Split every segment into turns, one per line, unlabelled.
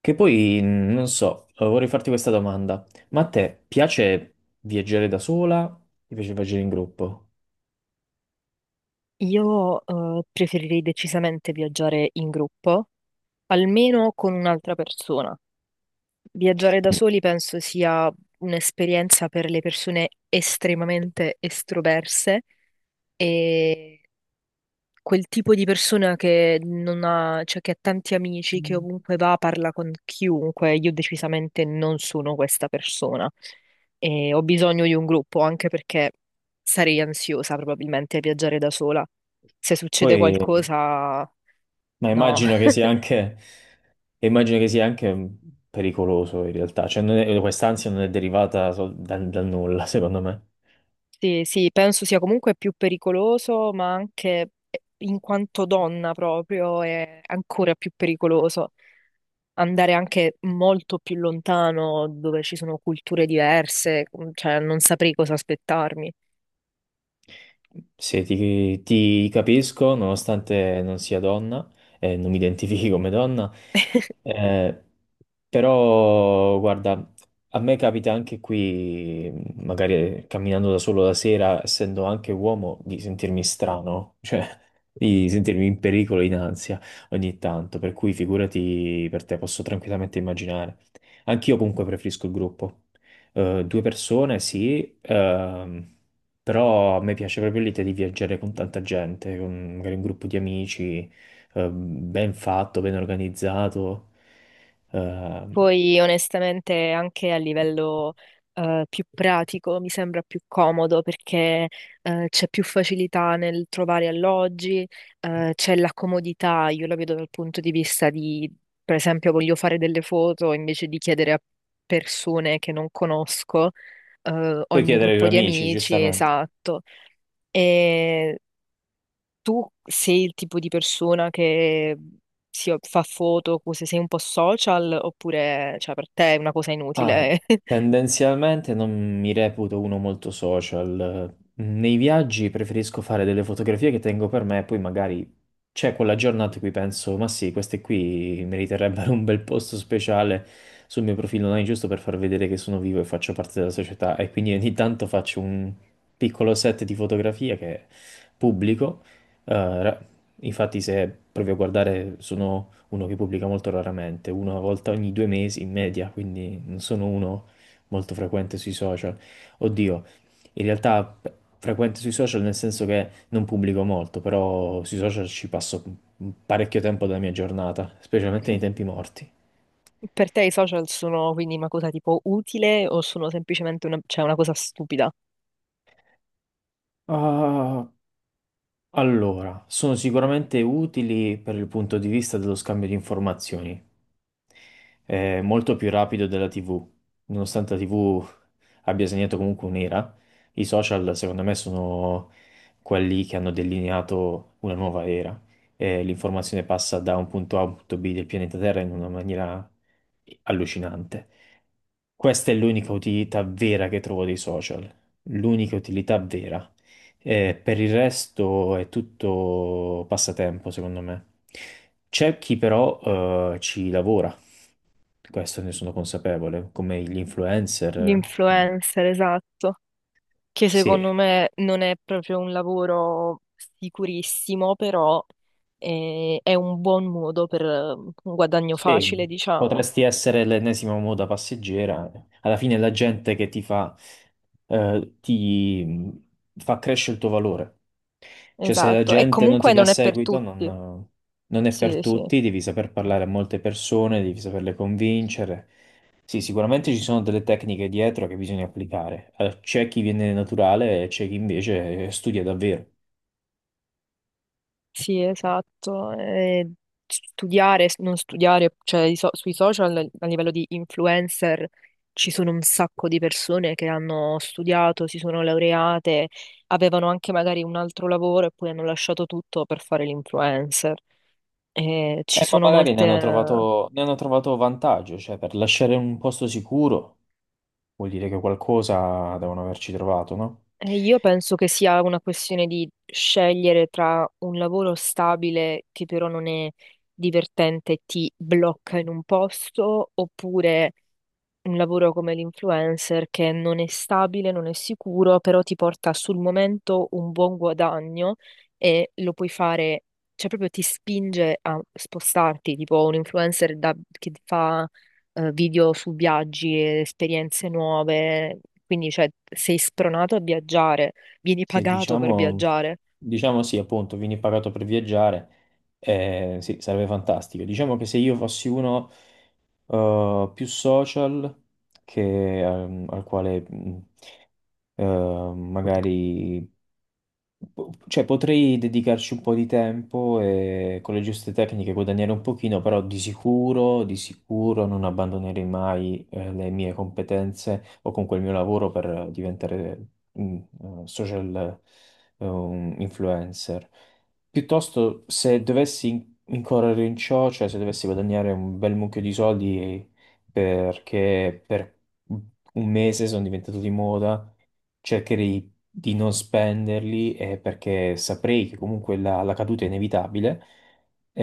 Che poi, non so, vorrei farti questa domanda. Ma a te piace viaggiare da sola? Ti piace viaggiare in gruppo?
Io preferirei decisamente viaggiare in gruppo, almeno con un'altra persona. Viaggiare da soli penso sia un'esperienza per le persone estremamente estroverse e quel tipo di persona che non ha, cioè che ha tanti amici, che ovunque va parla con chiunque. Io decisamente non sono questa persona e ho bisogno di un gruppo anche perché sarei ansiosa probabilmente a viaggiare da sola. Se succede
Poi,
qualcosa,
ma
no.
immagino che sia anche, immagino che sia anche pericoloso in realtà. Cioè, non è- quest'ansia non è derivata dal nulla, secondo me.
Sì, sì, penso sia comunque più pericoloso, ma anche in quanto donna proprio è ancora più pericoloso. Andare anche molto più lontano dove ci sono culture diverse, cioè non saprei cosa aspettarmi.
Se ti, ti capisco, nonostante non sia donna, e non mi identifichi come donna, eh, però, guarda, a me capita anche qui, magari camminando da solo la sera, essendo anche uomo, di sentirmi strano, cioè di sentirmi in pericolo, in ansia ogni tanto. Per cui, figurati, per te posso tranquillamente immaginare. Anch'io comunque preferisco il gruppo. Due persone, sì, però a me piace proprio l'idea di viaggiare con tanta gente, con magari un gruppo di amici, ben fatto, ben organizzato. Eh,
Poi onestamente anche a livello più pratico mi sembra più comodo perché c'è più facilità nel trovare alloggi, c'è la comodità, io la vedo dal punto di vista di, per esempio, voglio fare delle foto invece di chiedere a persone che non conosco, ho il
Puoi
mio
chiedere ai tuoi
gruppo di
amici,
amici,
giustamente.
esatto. Tu sei il tipo di persona che si fa foto, cose, sei un po' social, oppure cioè, per te è una cosa
Ah,
inutile?
Tendenzialmente non mi reputo uno molto social. Nei viaggi preferisco fare delle fotografie che tengo per me, poi magari c'è quella giornata in cui penso, ma sì, queste qui meriterebbero un bel posto speciale sul mio profilo online, giusto per far vedere che sono vivo e faccio parte della società. E quindi ogni tanto faccio un piccolo set di fotografie che pubblico. Eh, ra- Infatti, se proprio a guardare sono uno che pubblica molto raramente, uno una volta ogni due mesi in media, quindi non sono uno molto frequente sui social. Oddio, in realtà frequente sui social nel senso che non pubblico molto, però sui social ci passo parecchio tempo della mia giornata, specialmente nei tempi morti.
Per te i social sono quindi una cosa tipo utile o sono semplicemente una, cioè, una cosa stupida?
Ah, Allora, sono sicuramente utili per il punto di vista dello scambio di informazioni. È molto più rapido della TV. Nonostante la TV abbia segnato comunque un'era, i social secondo me sono quelli che hanno delineato una nuova era. E l'informazione passa da un punto A a un punto B del pianeta Terra in una maniera allucinante. Questa è l'unica utilità vera che trovo dei social, l'unica utilità vera. Per il resto è tutto passatempo, secondo me. C'è chi però ci lavora, questo ne sono consapevole, come gli influencer.
Gli
eh,
influencer, esatto. Che
Sì,
secondo me non è proprio un lavoro sicurissimo, però è un buon modo per un guadagno
sì,
facile, diciamo.
potresti essere l'ennesima moda passeggera. Alla fine è la gente che ti fa crescere il tuo valore. Cioè, se la
Esatto. E
gente non ti
comunque
dà
non è per
seguito,
tutti.
non è per
Sì, sì.
tutti, devi saper parlare a molte persone, devi saperle convincere. Sì, sicuramente ci sono delle tecniche dietro che bisogna applicare. C'è chi viene naturale e c'è chi invece studia davvero.
Sì, esatto. E studiare, non studiare, cioè sui social a livello di influencer ci sono un sacco di persone che hanno studiato, si sono laureate, avevano anche magari un altro lavoro e poi hanno lasciato tutto per fare l'influencer. E ci
Ma
sono
magari
molte.
ne hanno trovato vantaggio, cioè per lasciare un posto sicuro vuol dire che qualcosa devono averci trovato, no?
E io penso che sia una questione di scegliere tra un lavoro stabile che però non è divertente e ti blocca in un posto oppure un lavoro come l'influencer che non è stabile, non è sicuro, però ti porta sul momento un buon guadagno e lo puoi fare, cioè proprio ti spinge a spostarti, tipo un influencer che fa video su viaggi, e esperienze nuove, quindi cioè, sei spronato a viaggiare, vieni
Sì,
pagato per
diciamo,
viaggiare
diciamo sì, appunto, vieni pagato per viaggiare, sì, sarebbe fantastico. Diciamo che se io fossi uno più social che, al quale eh, magari cioè, potrei dedicarci un po' di tempo e con le giuste tecniche guadagnare un pochino, però di sicuro non abbandonerei mai le mie competenze o comunque il mio lavoro per diventare mm, social, un influencer. Piuttosto, se dovessi incorrere in ciò, cioè se dovessi guadagnare un bel mucchio di soldi perché per un mese sono diventato di moda, cercherei di non spenderli perché saprei che comunque la caduta è inevitabile.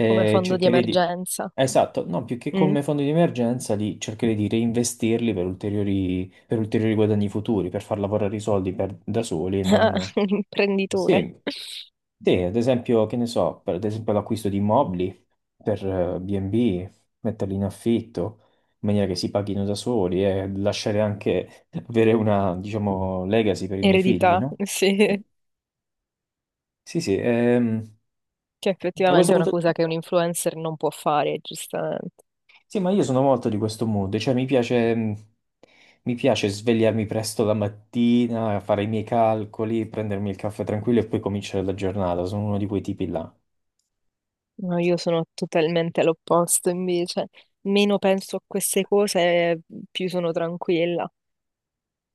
come fondo di
Cercherei di...
emergenza.
Esatto, no, più che
Mm,
come fondo di emergenza, li cercherei di reinvestirli per ulteriori guadagni futuri, per far lavorare i soldi da soli. E non...
un imprenditore,
Sì, sì, ad esempio, che ne so, per ad esempio l'acquisto di immobili per B&B, metterli in affitto, maniera che si paghino da soli e lasciare anche avere una, diciamo, legacy per i miei figli,
eredità,
no? Eh,
sì.
sì, sì,
Che
da questo
effettivamente è una
punto di
cosa che un
vista,
influencer non può fare, giustamente.
sì, ma io sono molto di questo mood, cioè mi piace svegliarmi presto la mattina, fare i miei calcoli, prendermi il caffè tranquillo e poi cominciare la giornata, sono uno di quei tipi là.
No, io sono totalmente all'opposto invece. Meno penso a queste cose, più sono tranquilla.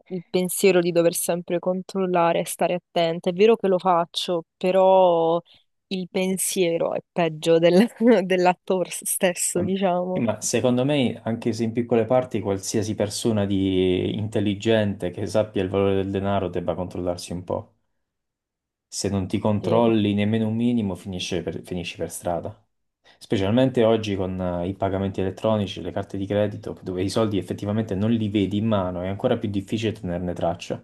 Il pensiero di dover sempre controllare e stare attenta. È vero che lo faccio, però il pensiero è peggio dell'atto stesso,
Ehm, sì,
diciamo.
ma secondo me, anche se in piccole parti, qualsiasi persona di intelligente che sappia il valore del denaro debba controllarsi un po'. Se non ti
Sì.
controlli nemmeno un minimo, finisci per strada. Specialmente oggi con i pagamenti elettronici, le carte di credito, dove i soldi effettivamente non li vedi in mano, è ancora più difficile tenerne traccia.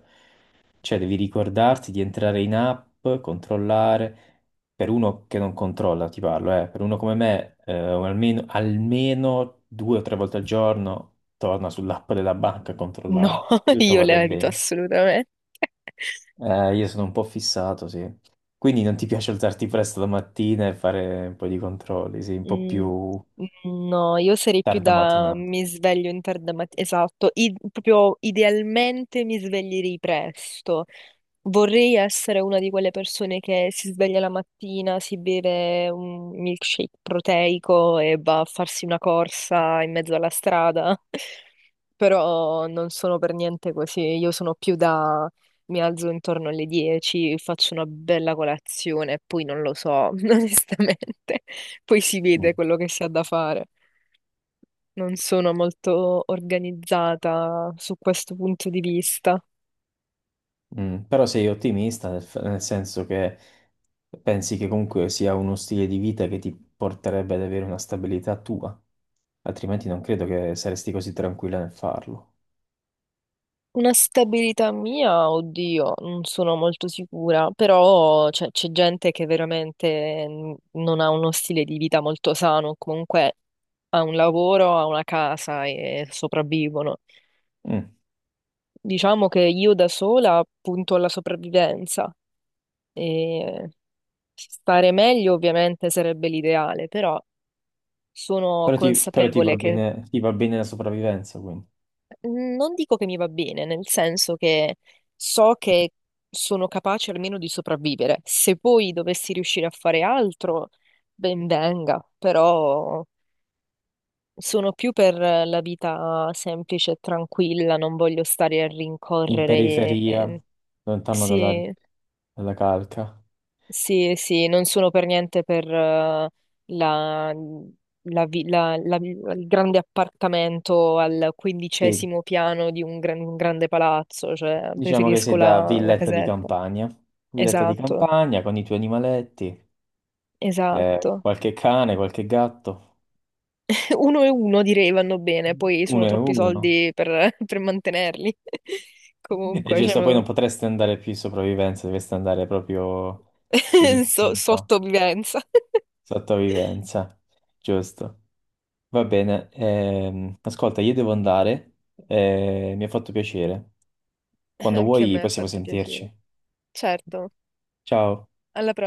Cioè, devi ricordarti di entrare in app, controllare. Per uno che non controlla, ti parlo, per uno come me, almeno, almeno due o tre volte al giorno torna sull'app della banca a
No,
controllare che tutto
io
vada
le evito
bene.
assolutamente.
Io sono un po' fissato, sì. Quindi non ti piace alzarti presto la mattina e fare un po' di controlli, sì, un po'
Mm,
più
no, io sarei più
tarda
da
mattinata.
mi sveglio in tarda mattina, esatto, proprio idealmente mi sveglierei presto. Vorrei essere una di quelle persone che si sveglia la mattina, si beve un milkshake proteico e va a farsi una corsa in mezzo alla strada, però non sono per niente così. Io sono più da mi alzo intorno alle 10, faccio una bella colazione, poi non lo so, onestamente. Poi si
Mm.
vede quello che si ha da fare. Non sono molto organizzata su questo punto di vista.
Mm. Però sei ottimista, nel senso che pensi che comunque sia uno stile di vita che ti porterebbe ad avere una stabilità tua, altrimenti non credo che saresti così tranquilla nel farlo.
Una stabilità mia, oddio, non sono molto sicura, però c'è gente che veramente non ha uno stile di vita molto sano, comunque ha un lavoro, ha una casa e sopravvivono.
Mm.
Diciamo che io da sola punto alla sopravvivenza e stare meglio ovviamente sarebbe l'ideale, però sono
Però
consapevole che.
ti va bene la sopravvivenza, quindi.
Mhmm, non dico che mi va bene, nel senso che so che sono capace almeno di sopravvivere. Se poi dovessi riuscire a fare altro, ben venga, però sono più per la vita semplice e tranquilla, non voglio stare a
In
rincorrere.
periferia, lontano dalla,
Sì,
dalla calca.
sì, sì, non sono per niente per la- la vi- la- la- il grande appartamento al
Sì,
quindicesimo piano di un, un grande palazzo, cioè
diciamo che
preferisco
sei da
la casetta.
villetta di
Esatto,
campagna con i tuoi animaletti,
esatto.
qualche cane, qualche gatto,
Uno e uno direi vanno bene, poi
uno
sono
e
troppi
uno.
soldi per, per mantenerli.
E
Comunque,
giusto, poi
cioè,
non potresti andare più in sopravvivenza, dovresti andare proprio in istinto,
sottovivenza.
sottovivenza, giusto. Va bene, ascolta, io devo andare, mi ha fatto piacere. Quando
Anche a
vuoi
me ha
possiamo
fatto piacere.
sentirci.
Certo,
Ciao.
alla prossima.